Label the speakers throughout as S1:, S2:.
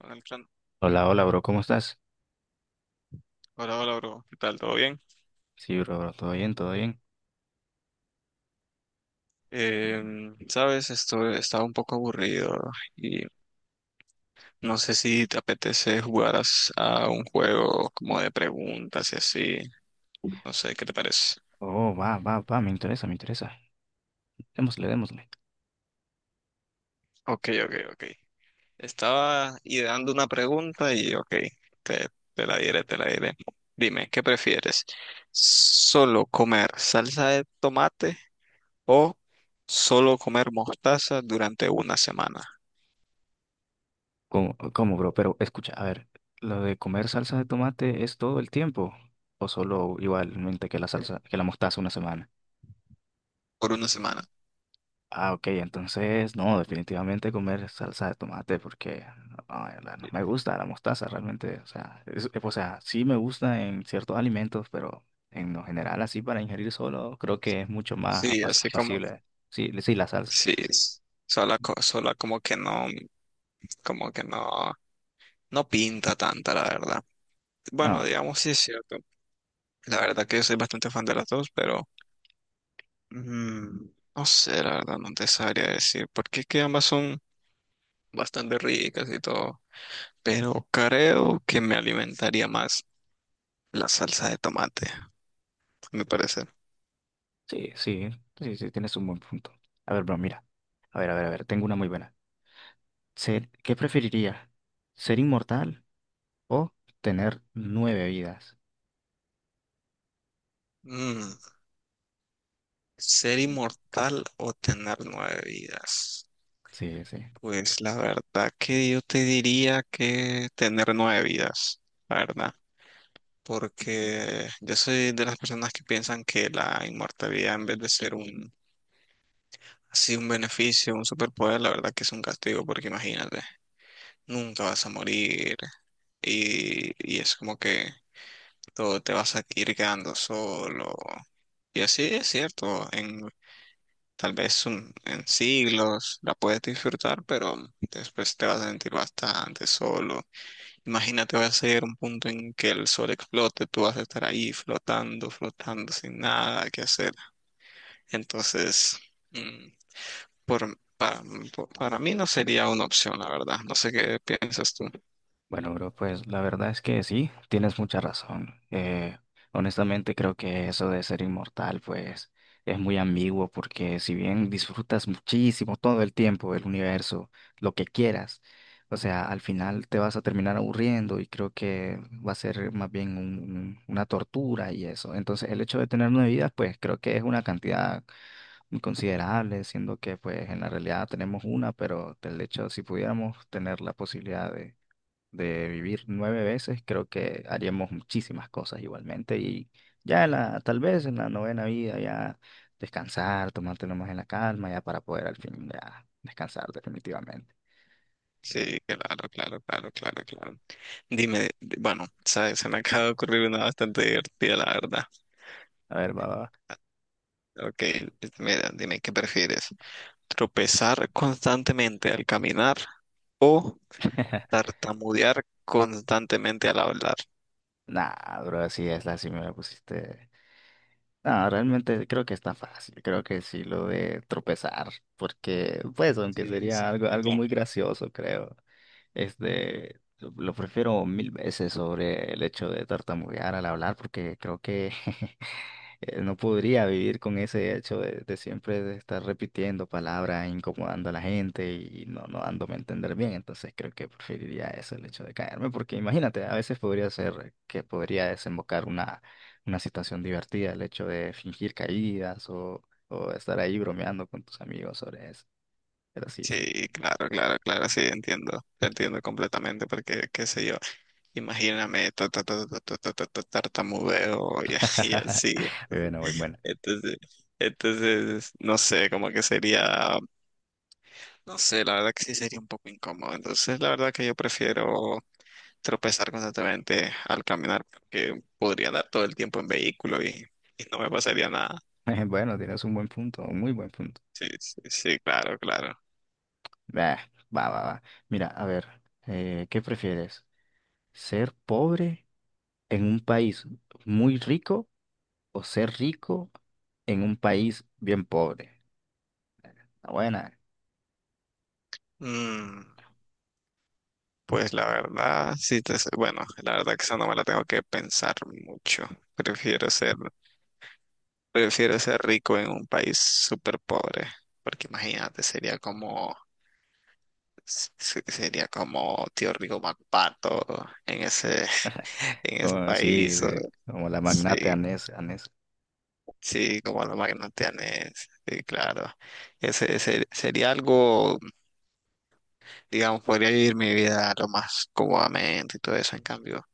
S1: Hola,
S2: Hola, hola, bro, ¿cómo estás?
S1: hola, hola, bro. ¿Qué tal? ¿Todo bien?
S2: Sí, bro, todo bien, todo bien.
S1: Sabes, esto estaba un poco aburrido y no sé si te apetece jugar a un juego como de preguntas y así. No sé, ¿qué te parece?
S2: Oh, va, va, va, me interesa, me interesa. Démosle, démosle.
S1: Ok, ok, ok. Estaba ideando una pregunta y ok, te, te la diré, te la diré. Dime, ¿qué prefieres? ¿Solo comer salsa de tomate o solo comer mostaza durante una semana?
S2: ¿Cómo, bro? Pero escucha, a ver, ¿lo de comer salsa de tomate es todo el tiempo? ¿O solo igualmente que la salsa, que la mostaza una semana?
S1: Por una semana.
S2: Ah, ok, entonces, no, definitivamente comer salsa de tomate porque ay, no, me gusta la mostaza realmente. O sea, o sea, sí me gusta en ciertos alimentos, pero en lo general, así para ingerir solo, creo que es mucho más
S1: Sí, así como,
S2: apacible. Sí, sí, la salsa.
S1: sí, sola, sola como que no, no pinta tanta, la verdad. Bueno,
S2: No,
S1: digamos, sí es cierto. La verdad que yo soy bastante fan de las dos, pero mm, no sé, la verdad, no te sabría decir, porque es que ambas son bastante ricas y todo, pero creo que me alimentaría más la salsa de tomate, a mi parecer.
S2: sí, sí, sí, sí, tienes un buen punto. A ver, bro, mira. A ver, a ver, a ver, tengo una muy buena. Ser, ¿qué preferiría? ¿Ser inmortal o tener nueve vidas?
S1: Mm, ¿ser inmortal o tener nueve vidas?
S2: Sí, sí.
S1: Pues la verdad que yo te diría que tener nueve vidas, la verdad, porque yo soy de las personas que piensan que la inmortalidad en vez de ser un, así un beneficio, un superpoder, la verdad que es un castigo, porque imagínate, nunca vas a morir y es como que todo te vas a ir quedando solo. Y así es cierto, en tal vez en siglos la puedes disfrutar, pero después te vas a sentir bastante solo. Imagínate, va a ser un punto en que el sol explote, tú vas a estar ahí flotando, flotando sin nada que hacer. Entonces, mm, por, pa- para mí no sería una opción, la verdad. No sé qué piensas tú.
S2: Bueno, bro, pues la verdad es que sí, tienes mucha razón. Honestamente creo que eso de ser inmortal, pues es muy ambiguo porque si bien disfrutas muchísimo todo el tiempo el universo, lo que quieras, o sea, al final te vas a terminar aburriendo y creo que va a ser más bien una tortura y eso. Entonces, el hecho de tener nueve vidas, pues creo que es una cantidad muy considerable, siendo que pues en la realidad tenemos una, pero del hecho si pudiéramos tener la posibilidad de vivir nueve veces, creo que haríamos muchísimas cosas igualmente y ya en la, tal vez en la novena vida ya descansar, tomártelo más en la calma ya para poder al fin ya descansar definitivamente.
S1: Sí, claro, claro, claro, claro, claro. Dime, bueno, sabes, se me acaba de ocurrir una bastante divertida, la verdad.
S2: A ver, va, va. Va.
S1: Ok, mira, dime, ¿qué prefieres? ¿Tropezar constantemente al caminar o tartamudear constantemente al hablar?
S2: Nah, bro, así es, así me la pusiste. No, realmente creo que está fácil, creo que sí lo de tropezar, porque pues aunque
S1: Sí,
S2: sería
S1: sí,
S2: algo,
S1: sí,
S2: algo muy
S1: claro.
S2: gracioso, creo. Este, lo prefiero mil veces sobre el hecho de tartamudear al hablar, porque creo que no podría vivir con ese hecho de siempre de estar repitiendo palabras, incomodando a la gente y no, no dándome a entender bien. Entonces creo que preferiría eso, el hecho de caerme, porque imagínate, a veces podría ser que podría desembocar una situación divertida, el hecho de fingir caídas o estar ahí bromeando con tus amigos sobre eso. Pero sí, sí.
S1: Sí, claro, claro, claro, sí, entiendo, te entiendo completamente, porque, qué sé yo, imagíname, ta, ta, ta, ta, ta, ta, ta, ta, tartamudeo y, y así,
S2: Bueno, muy bueno.
S1: entonces, entonces, no sé, como que sería, no sé, la verdad que sí sería un poco incómodo, entonces, la verdad que yo prefiero tropezar constantemente al caminar, porque podría dar todo el tiempo en vehículo y no me pasaría nada.
S2: Bueno, tienes un buen punto, un muy buen punto.
S1: Sí, sí, sí, claro, claro.
S2: Bah, va, va, va. Mira, a ver, ¿qué prefieres? ¿Ser pobre en un país muy rico o ser rico en un país bien pobre? Está buena,
S1: Mm. Pues la verdad, sí, te, bueno, la verdad que esa no me la tengo que pensar mucho. Prefiero ser, prefiero ser rico en un país súper pobre, porque imagínate, sería como, sería como Tío Rico MacPato en ese, en
S2: como
S1: ese
S2: así,
S1: país. O-
S2: como la magnate
S1: sí,
S2: Anés, Anés.
S1: sí, como los magnatianes, sí, claro. Ese sería algo, digamos, podría vivir mi vida lo más cómodamente y todo eso, en cambio.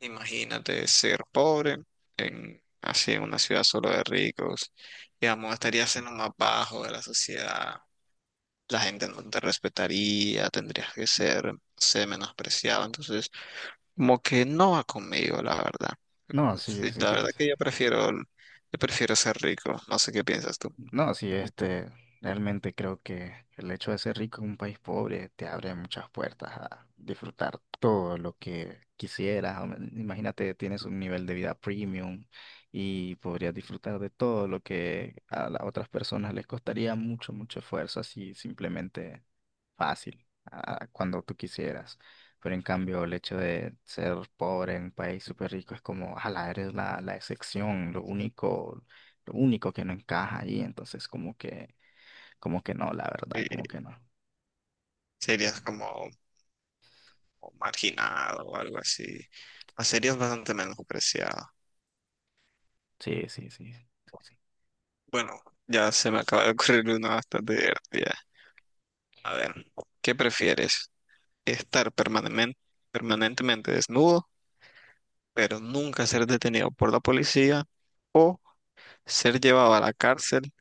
S1: Imagínate ser pobre en, así en una ciudad solo de ricos, digamos, estarías en lo más bajo de la sociedad, la gente no te respetaría, tendrías que ser, menospreciado, entonces como que no va conmigo, la verdad.
S2: No, sí,
S1: Sí,
S2: sí,
S1: la verdad que yo prefiero ser rico, no sé qué piensas tú.
S2: no, sí, este, realmente creo que el hecho de ser rico en un país pobre te abre muchas puertas a disfrutar todo lo que quisieras. Imagínate, tienes un nivel de vida premium y podrías disfrutar de todo lo que a las otras personas les costaría mucho, mucho esfuerzo, así simplemente fácil, cuando tú quisieras. Pero en cambio, el hecho de ser pobre en un país súper rico es como, ala, eres la, la excepción, lo único que no encaja ahí, entonces como que no, la
S1: Y
S2: verdad, como que no.
S1: serías como, o marginada o algo así. La serie es bastante menospreciada.
S2: Sí, sí, sí, sí, sí.
S1: Bueno, ya se me acaba de ocurrir una bastante divertida. A ver, ¿qué prefieres? ¿Estar permanentemente desnudo, pero nunca ser detenido por la policía? ¿O ser llevado a la cárcel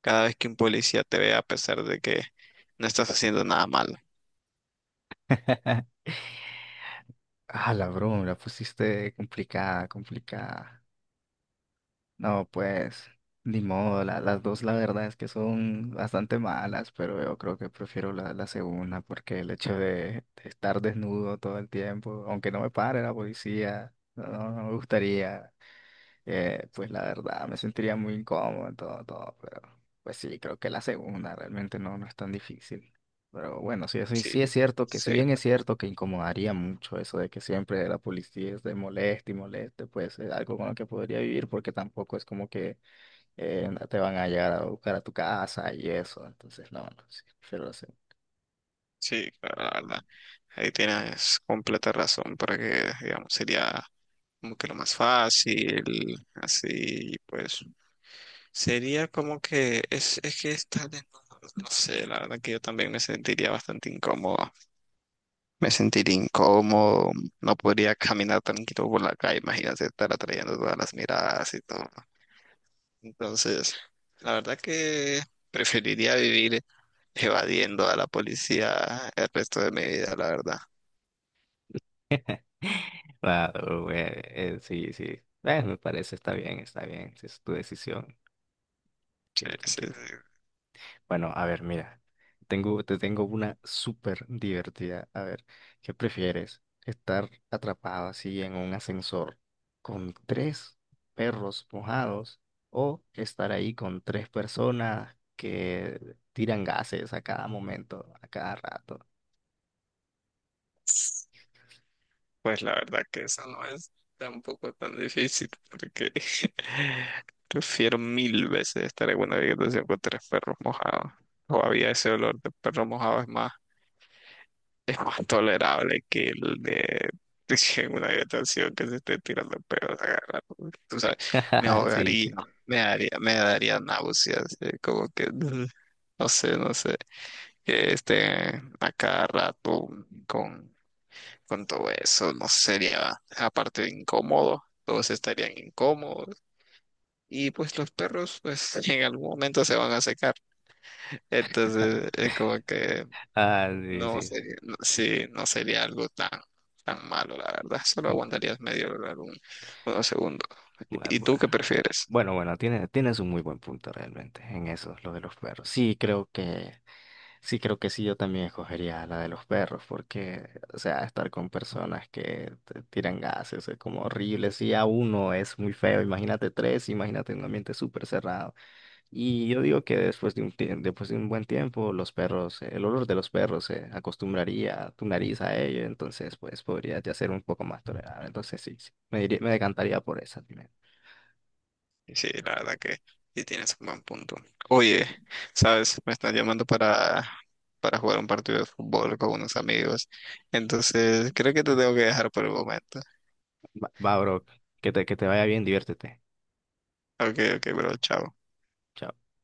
S1: cada vez que un policía te vea a pesar de que no estás haciendo nada malo?
S2: Ah, la broma, la pusiste complicada, complicada. No, pues, ni modo, las dos la verdad es que son bastante malas, pero yo creo que prefiero la, la segunda porque el hecho de estar desnudo todo el tiempo, aunque no me pare la policía, no, no me gustaría. Pues la verdad, me sentiría muy incómodo en todo, todo, pero pues sí, creo que la segunda realmente no, no es tan difícil. Pero bueno, sí, eso
S1: Sí,
S2: sí es cierto que si
S1: sí,
S2: bien es cierto que incomodaría mucho eso de que siempre la policía esté moleste y moleste, pues es algo con lo que podría vivir porque tampoco es como que te van a llegar a buscar a tu casa y eso, entonces no, no, sí, prefiero la segunda.
S1: sí, claro, la verdad. Ahí tienes completa razón, porque, digamos, sería como que lo más fácil, así, pues, sería como que es que estar desnudo, no sé, la verdad que yo también me sentiría bastante incómodo, me sentiría incómodo, no podría caminar tranquilo por la calle, imagínate estar atrayendo todas las miradas y todo. Entonces, la verdad que preferiría vivir evadiendo a la policía el resto de mi vida, la verdad.
S2: Claro, güey, sí, sí. Bueno, me parece, está bien, está bien. Sí, es tu decisión.
S1: Sí,
S2: Tranquilo,
S1: sí,
S2: tranquilo. Bueno, a ver, mira, tengo, te tengo una súper divertida. A ver, ¿qué prefieres? ¿Estar atrapado así en un ascensor con tres perros mojados o estar ahí con tres personas que tiran gases a cada momento, a cada rato?
S1: sí. Pues la verdad que eso no es tampoco tan difícil, porque prefiero mil veces estar en una habitación con tres perros mojados. Todavía ese olor de perro mojado es más, es más tolerable que el de en una habitación que se esté tirando perros a cada rato. Tú sabes, me
S2: Sí, sí.
S1: ahogaría, me daría náuseas, como que no sé, no sé, que esté a cada rato con con todo eso no sería, aparte de incómodo, todos estarían incómodos. Y pues los perros, pues en algún momento se van a secar. Entonces es como que
S2: Ah, sí,
S1: no
S2: sí.
S1: sería, sí, no sería algo tan, tan malo, la verdad. Solo
S2: Mm,
S1: aguantarías medio lugar, unos segundos.
S2: bu-
S1: ¿Y
S2: bu-
S1: tú qué prefieres?
S2: Bueno, bueno, tienes, tienes un muy buen punto realmente en eso, lo de los perros. Sí, creo que sí, yo también escogería la de los perros, porque, o sea, estar con personas que te tiran gases es como horrible. Si a uno es muy feo, imagínate tres, imagínate un ambiente súper cerrado. Y yo digo que después de después de un buen tiempo, los perros, el olor de los perros se acostumbraría tu nariz a ello, entonces, pues, podría ya ser un poco más tolerable. Entonces, sí, sí, me decantaría por esa. Dime.
S1: Sí, la verdad que sí tienes un buen punto. Oye, sabes, me están llamando para, jugar un partido de fútbol con unos amigos. Entonces creo que te tengo que dejar por el momento.
S2: Va, va, bro, que te vaya bien, diviértete.
S1: Ok, ok, bro, chao.
S2: Chao.